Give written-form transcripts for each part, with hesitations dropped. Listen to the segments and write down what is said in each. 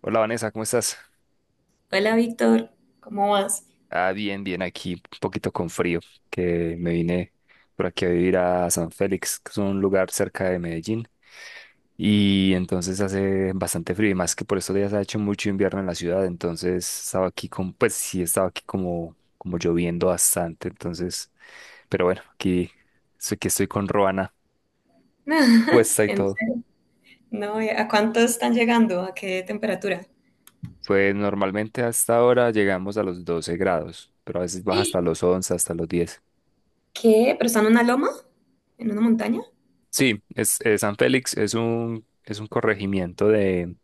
Hola Vanessa, ¿cómo estás? Hola Víctor, ¿cómo vas? Ah, bien, bien, aquí un poquito con frío, que me vine por aquí a vivir a San Félix, que es un lugar cerca de Medellín, y entonces hace bastante frío, y más que por estos días ha hecho mucho invierno en la ciudad, entonces estaba aquí con, pues sí, estaba aquí como, como lloviendo bastante, entonces, pero bueno, aquí, aquí estoy con Roana No, puesta y en todo. serio, no, ¿a cuánto están llegando? ¿A qué temperatura? Pues normalmente hasta ahora llegamos a los 12 grados, pero a veces baja hasta los 11, hasta los 10. ¿Qué? ¿Pero están en una loma? ¿En una montaña? Sí, San Félix es un corregimiento de,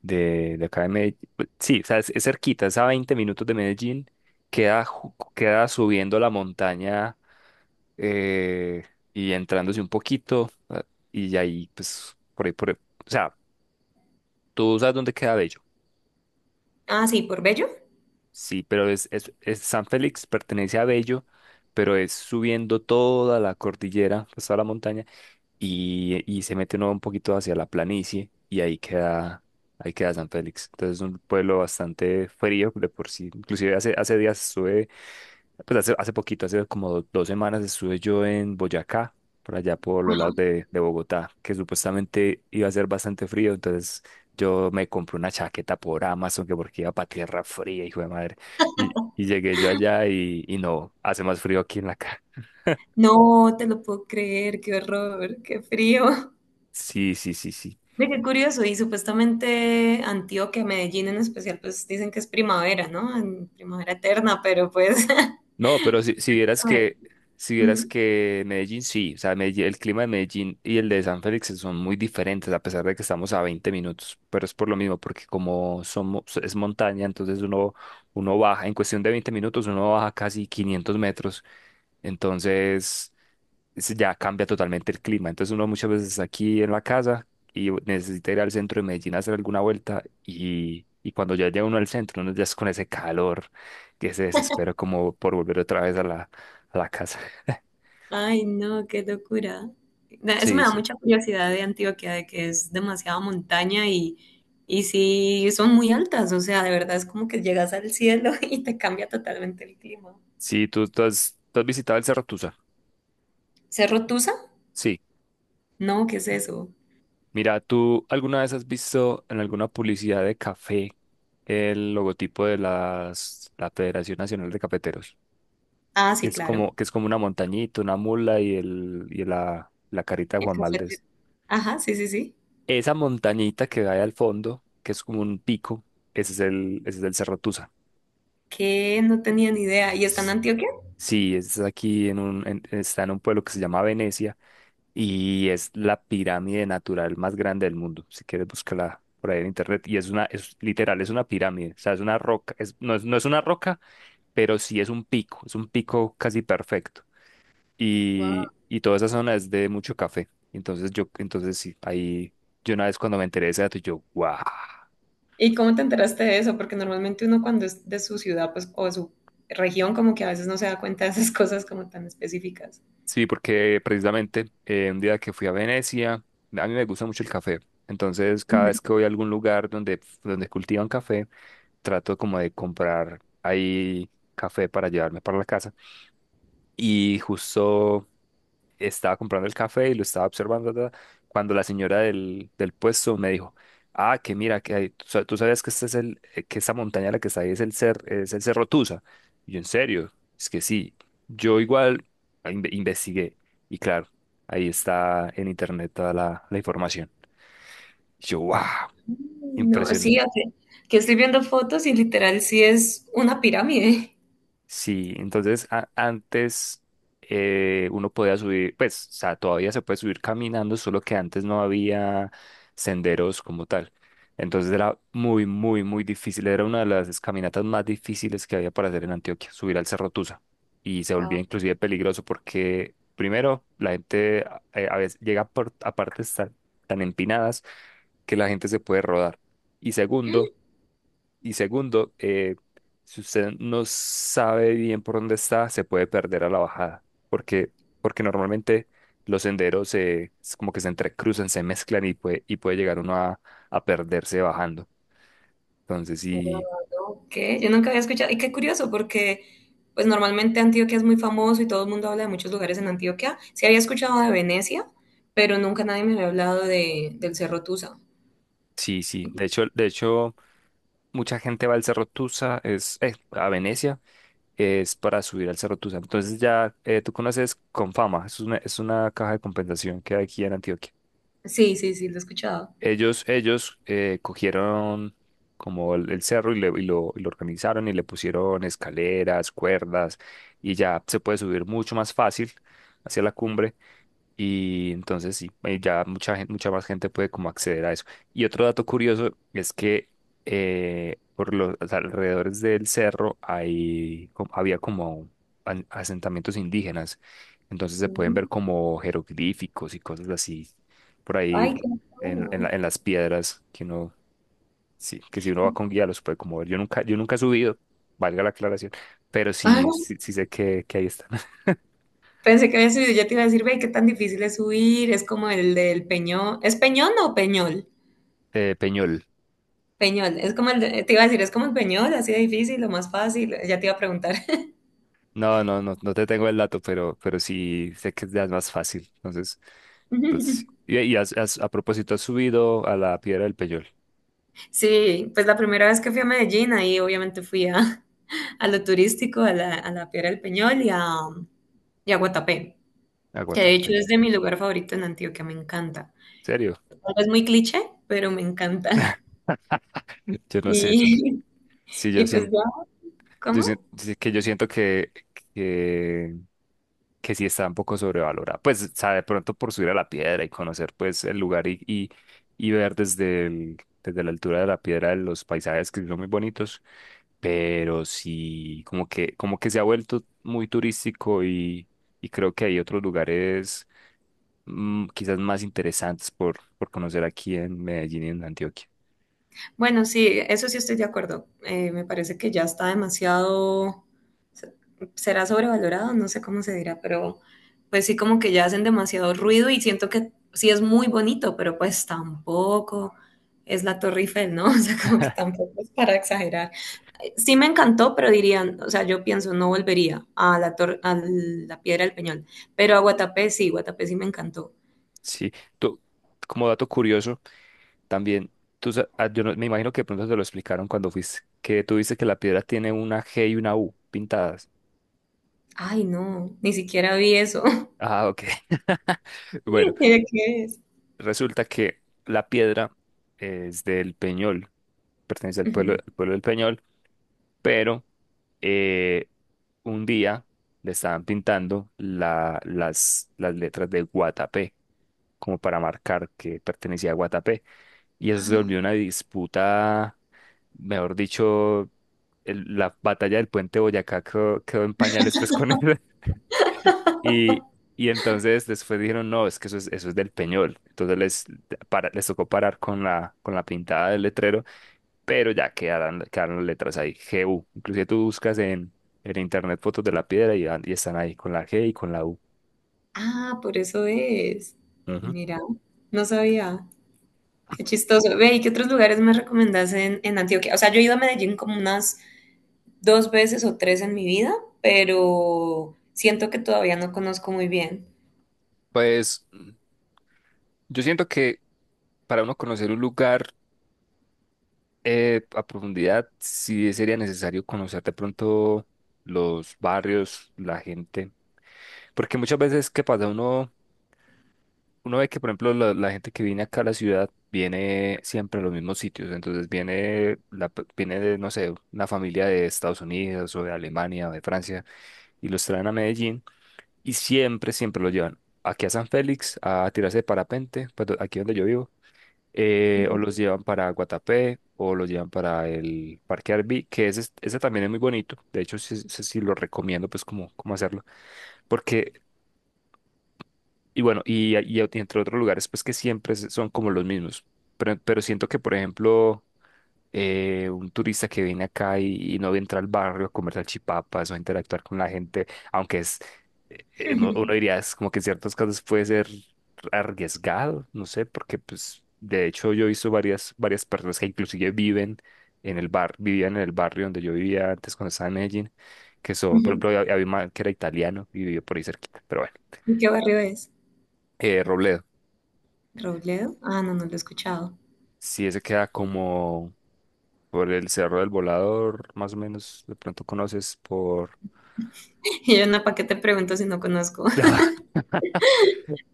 de, de acá de Medellín. Pues, sí, o sea, es cerquita, es a 20 minutos de Medellín. Queda, queda subiendo la montaña eh, y entrándose un poquito. Y ahí, pues, por ahí, o sea, tú sabes dónde queda Bello. Ah, sí, por Bello. Sí, pero es San Félix pertenece a Bello, pero es subiendo toda la cordillera, pues toda la montaña y se mete uno un poquito hacia la planicie y ahí queda San Félix. Entonces es un pueblo bastante frío de por sí. Inclusive hace, hace días estuve, pues hace, hace poquito, hace como dos semanas estuve yo en Boyacá, por allá por los lados de Bogotá, que supuestamente iba a ser bastante frío. Entonces yo me compré una chaqueta por Amazon que porque iba para tierra fría, hijo de madre. Y llegué yo allá y no, hace más frío aquí en la casa. No te lo puedo creer, qué horror, qué frío. Sí, sí, sí, sí. Ve, qué curioso, y supuestamente Antioquia, Medellín en especial, pues dicen que es primavera, ¿no? En primavera eterna, pero pues. No, pero si, si vieras A ver. que, si vieras Ujú. que Medellín, sí, o sea, el clima de Medellín y el de San Félix son muy diferentes, a pesar de que estamos a 20 minutos, pero es por lo mismo, porque como somos, es montaña, entonces uno, uno baja, en cuestión de 20 minutos, uno baja casi 500 metros, entonces ya cambia totalmente el clima. Entonces uno muchas veces está aquí en la casa y necesita ir al centro de Medellín a hacer alguna vuelta y cuando ya llega uno al centro, uno ya es con ese calor que se desespera como por volver otra vez a a la casa. Ay, no, qué locura. Eso Sí, me da sí. mucha curiosidad de Antioquia, de que es demasiada montaña y sí, son muy altas, o sea, de verdad es como que llegas al cielo y te cambia totalmente el clima. Sí, tú has visitado el Cerro Tusa. ¿Cerro Tusa? Sí. No, ¿qué es eso? Mira, ¿tú alguna vez has visto en alguna publicidad de café el logotipo de la Federación Nacional de Cafeteros? Ah, sí, claro. Que es como una montañita, una mula la carita de El Juan Valdés. cafetero. Ajá, sí, sí, sí. Esa montañita que hay al fondo, que es como un pico, ese es el Cerro Tusa. Que no tenía ni idea. ¿Y está en S- Antioquia? Sí, es aquí en un, está en un pueblo que se llama Venecia y es la pirámide natural más grande del mundo. Si quieres, búscala por ahí en internet. Y es literal, es una pirámide. O sea, es una roca. No es una roca, pero sí es un pico. Es un pico casi perfecto. Wow. Y toda esa zona es de mucho café. Entonces, yo, entonces sí, ahí yo una vez cuando me enteré de ese dato, yo, ¡guau! ¿Y cómo te enteraste de eso? Porque normalmente uno cuando es de su ciudad, pues, o de su región, como que a veces no se da cuenta de esas cosas como tan específicas. Sí, porque precisamente un día que fui a Venecia, a mí me gusta mucho el café. Entonces, cada vez que voy a algún lugar donde cultivan café, trato como de comprar ahí café para llevarme para la casa. Y justo estaba comprando el café y lo estaba observando ta, ta, cuando la señora del puesto me dijo, ah, que mira, tú sabías que este es que esta montaña la que está ahí es el es el Cerro Tusa. Y yo, en serio, es que sí. Yo igual investigué y claro, ahí está en internet toda la información. Y yo, wow. No, sí, o sea, que estoy viendo fotos y literal sí es una pirámide. Sí, entonces antes uno podía subir, pues, o sea, todavía se puede subir caminando, solo que antes no había senderos como tal. Entonces era muy, muy, muy difícil. Era una de las caminatas más difíciles que había para hacer en Antioquia, subir al Cerro Tusa. Y se volvía Wow. inclusive peligroso porque, primero, la gente a veces llega a partes tan, tan empinadas que la gente se puede rodar. Y segundo, y segundo, eh, si usted no sabe bien por dónde está, se puede perder a la bajada, porque, porque normalmente los senderos es como que se entrecruzan, se mezclan y puede llegar uno a perderse bajando. Entonces, Wow, sí, no, ¿qué? Yo nunca había escuchado. Y qué curioso, porque pues normalmente Antioquia es muy famoso y todo el mundo habla de muchos lugares en Antioquia. Sí había escuchado de Venecia, pero nunca nadie me había hablado de, del Cerro Tusa. sí, sí. De hecho, mucha gente va al Cerro Tusa, a Venecia, es para subir al Cerro Tusa. Entonces ya tú conoces Confama, es una caja de compensación que hay aquí en Antioquia. Sí, sí, sí, lo he escuchado. Ellos cogieron como el cerro y, y lo organizaron y le pusieron escaleras, cuerdas y ya se puede subir mucho más fácil hacia la cumbre. Y entonces sí, ya mucha gente, mucha más gente puede como acceder a eso. Y otro dato curioso es que por los alrededores del cerro hay, había como asentamientos indígenas. Entonces se pueden Mm. ver como jeroglíficos y cosas así por ahí Ay, qué en, bueno. En las piedras que uno, sí, que si uno va con guía los puede como ver. Yo nunca he subido, valga la aclaración, pero Ah, sí, sí, sí sé que ahí están. pensé que había subido, ya te iba a decir, ve, qué tan difícil es subir, es como el del Peñón. ¿Es Peñón o Peñol? Peñol. Peñol, es como el, te iba a decir, es como el Peñol, así de difícil o más fácil, ya te iba a preguntar. No, no, no, no te tengo el dato, pero sí sé que es de las más fácil. Entonces, pues, sí. Y, y a propósito, has subido a la Piedra del Peñol, Sí, pues la primera vez que fui a Medellín, ahí obviamente fui a lo turístico, a la Piedra del Peñol y a Guatapé, a que de Guatapé. hecho ¿En es de mi lugar favorito en Antioquia, me encanta. serio? Tal vez muy cliché, pero me encanta. Yo no sé. Y, Sí, y yo pues siento. ya, ¿cómo? Sí, que yo siento que, que sí está un poco sobrevalorada. Pues, o sea, de pronto por subir a la piedra y conocer pues el lugar y ver desde el, desde la altura de la piedra los paisajes que son muy bonitos, pero sí como que se ha vuelto muy turístico y creo que hay otros lugares quizás más interesantes por conocer aquí en Medellín y en Antioquia. Bueno, sí, eso sí estoy de acuerdo. Me parece que ya está demasiado, se- será sobrevalorado, no sé cómo se dirá, pero pues sí como que ya hacen demasiado ruido y siento que sí es muy bonito, pero pues tampoco es la Torre Eiffel, ¿no? O sea, como que tampoco es para exagerar. Sí me encantó, pero dirían, o sea, yo pienso, no volvería a la torre, a la Piedra del Peñol, pero a Guatapé sí me encantó. Sí, tú, como dato curioso. También, tú, yo no- me imagino que de pronto te lo explicaron cuando fuiste, que tú dices que la piedra tiene una G y una U pintadas. Ay, no, ni siquiera vi eso. Ah, ok. Bueno, ¿De qué es? resulta que la piedra es del Peñol, pertenece Ujú. Al pueblo del Peñol, pero eh, un día le estaban pintando las letras de Guatapé, como para marcar que pertenecía a Guatapé, y eso se volvió una disputa, mejor dicho, la batalla del puente de Boyacá quedó, quedó en pañales pues con él. Y, y entonces después dijeron, no, es que eso es del Peñol. Entonces para, les tocó parar con la pintada del letrero, pero ya quedaron, quedaron las letras ahí, G GU. Inclusive tú buscas en internet fotos de la piedra y están ahí con la G y con la U. Ah, por eso es. Ujú. Mira, no sabía. Qué chistoso. Ve, ¿y qué otros lugares me recomendás en Antioquia? O sea, yo he ido a Medellín como unas dos veces o tres en mi vida, pero siento que todavía no conozco muy bien. Pues yo siento que para uno conocer un lugar a profundidad, sí sería necesario conocer de pronto los barrios, la gente. Porque muchas veces, ¿qué pasa? Uno, uno ve que, por ejemplo, la gente que viene acá a la ciudad viene siempre a los mismos sitios. Entonces viene, viene de, no sé, una familia de Estados Unidos o de Alemania o de Francia y los traen a Medellín y siempre, siempre los llevan aquí a San Félix a tirarse de parapente, pues aquí donde yo vivo, o Ujú, los llevan para Guatapé o los llevan para el Parque Arví, que ese, ese también es muy bonito. De hecho, sí, sí, sí lo recomiendo, pues, como, cómo cómo hacerlo. Porque, y bueno, y entre otros lugares, pues que siempre son como los mismos. Pero siento que, por ejemplo, un turista que viene acá y no entra al barrio a comer salchipapas o a interactuar con la gente, aunque es, uno diría, es como que en ciertos casos puede ser arriesgado, no sé, porque pues de hecho yo he visto varias, varias personas que inclusive viven vivían en el barrio donde yo vivía antes cuando estaba en Medellín, que son, por ujú. ejemplo, había había un man que era italiano y vivió por ahí cerquita, pero bueno, ¿Y qué barrio es? Robledo. ¿Robledo? Ah, no, no lo he escuchado. Sí, ese queda como por el Cerro del Volador, más o menos, de pronto conoces por... Y yo, no, ¿para qué te pregunto si no conozco?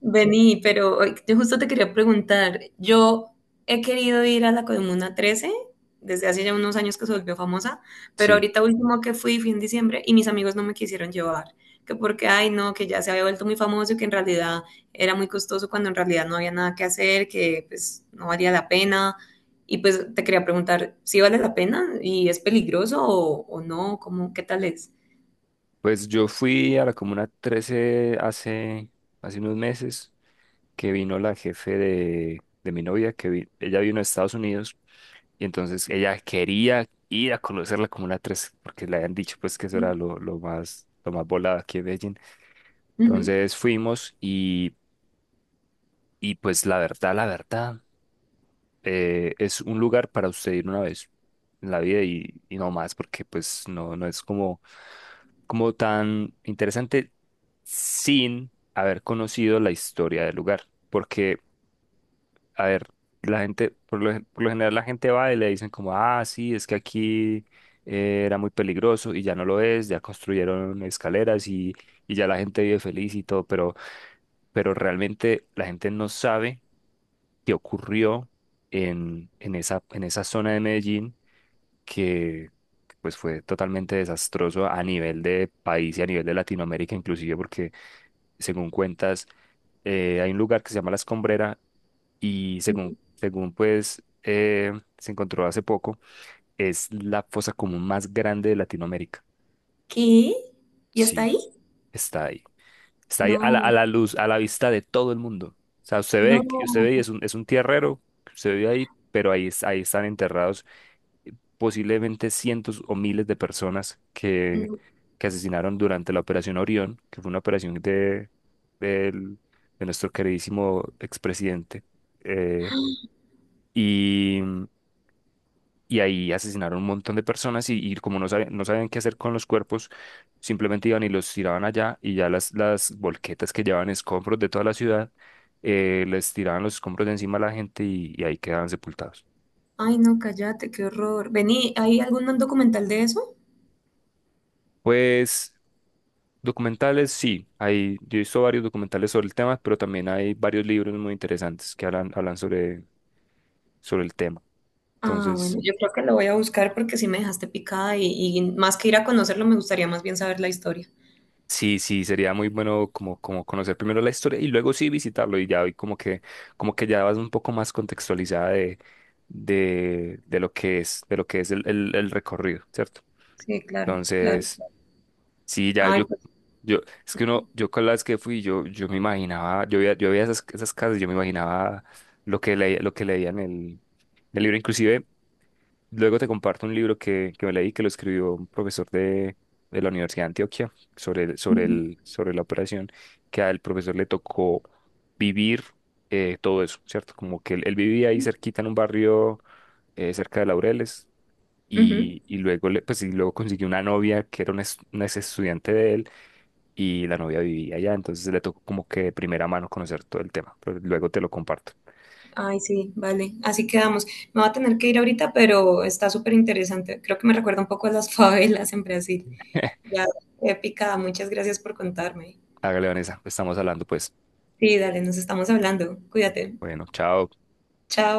Vení, pero ay, yo justo te quería preguntar, yo he querido ir a la Comuna 13 desde hace ya unos años que se volvió famosa, pero Sí, ahorita último que fui fue en diciembre y mis amigos no me quisieron llevar, que porque, ay no, que ya se había vuelto muy famoso y que en realidad era muy costoso cuando en realidad no había nada que hacer, que pues no valía la pena. Y pues te quería preguntar, ¿si vale la pena y es peligroso o no? ¿Cómo, qué tal es? pues yo fui a la Comuna 13 hace, hace unos meses, que vino la jefe de mi novia, que ella vino a Estados Unidos, y entonces ella quería ir a conocer la Comuna 13, porque le habían dicho pues que eso era lo más volado aquí en Medellín. Ujú, Entonces fuimos y pues la verdad, la verdad, es un lugar para usted ir una vez en la vida y no más, porque pues no, no es como, como tan interesante sin haber conocido la historia del lugar. Porque, a ver, la gente, por lo, por lo general la gente va y le dicen como, ah, sí, es que aquí era muy peligroso y ya no lo es, ya construyeron escaleras y ya la gente vive feliz y todo, pero realmente la gente no sabe qué ocurrió en esa zona de Medellín que que, pues fue totalmente desastroso a nivel de país y a nivel de Latinoamérica inclusive porque según cuentas hay un lugar que se llama La Escombrera y según ujú. según pues se encontró hace poco es la fosa común más grande de Latinoamérica. ¿Qué? ¿Y hasta Sí, ahí? está ahí. Está ahí a a No, la luz, a la vista de todo el mundo. O sea, usted ve, usted ve y no. Es un tierrero, usted ve ahí, pero ahí, ahí están enterrados posiblemente cientos o miles de personas No. que asesinaron durante la Operación Orión, que fue una operación del- de nuestro queridísimo expresidente, eh, y, y ahí asesinaron un montón de personas y como no sabían, no sabían qué hacer con los cuerpos, simplemente iban y los tiraban allá y ya las volquetas que llevaban escombros de toda la ciudad, les tiraban los escombros de encima a la gente y ahí quedaban sepultados. Ay, no, cállate, qué horror. Vení, ¿hay algún documental de eso? Pues documentales, sí, hay, yo he visto varios documentales sobre el tema, pero también hay varios libros muy interesantes que hablan, hablan sobre, sobre el tema. Ah, bueno, Entonces, yo creo que lo voy a buscar porque sí me dejaste picada y más que ir a conocerlo, me gustaría más bien saber la historia. sí, sí, sería muy bueno como, como conocer primero la historia y luego sí visitarlo y ya hoy como que ya vas un poco más contextualizada de lo que es, de lo que es el recorrido, ¿cierto? Sí, claro, claro. Entonces, sí, ya Ay, yo, pues. yo, es que uno, yo con las que fui, yo me imaginaba, yo veía esas, esas casas, yo me imaginaba lo que leía en el libro. Inclusive, luego te comparto un libro que me leí, que lo escribió un profesor de la Universidad de Antioquia sobre, sobre Ujú, el, sobre la operación, que al profesor le tocó vivir todo eso, ¿cierto? Como que él vivía ahí cerquita en un barrio cerca de Laureles. ujú. Y luego, pues, y luego consiguió una novia que era una, una ex estudiante de él y la novia vivía allá, entonces le tocó como que de primera mano conocer todo el tema, pero luego te lo comparto. Ay, sí, vale. Así quedamos. Me va a tener que ir ahorita, pero está súper interesante. Creo que me recuerda un poco a las favelas en Brasil. Ya, qué picada. Muchas gracias por contarme. Hágale, Vanessa, estamos hablando pues. Sí, dale, nos estamos hablando. Cuídate. Bueno, chao. Chao.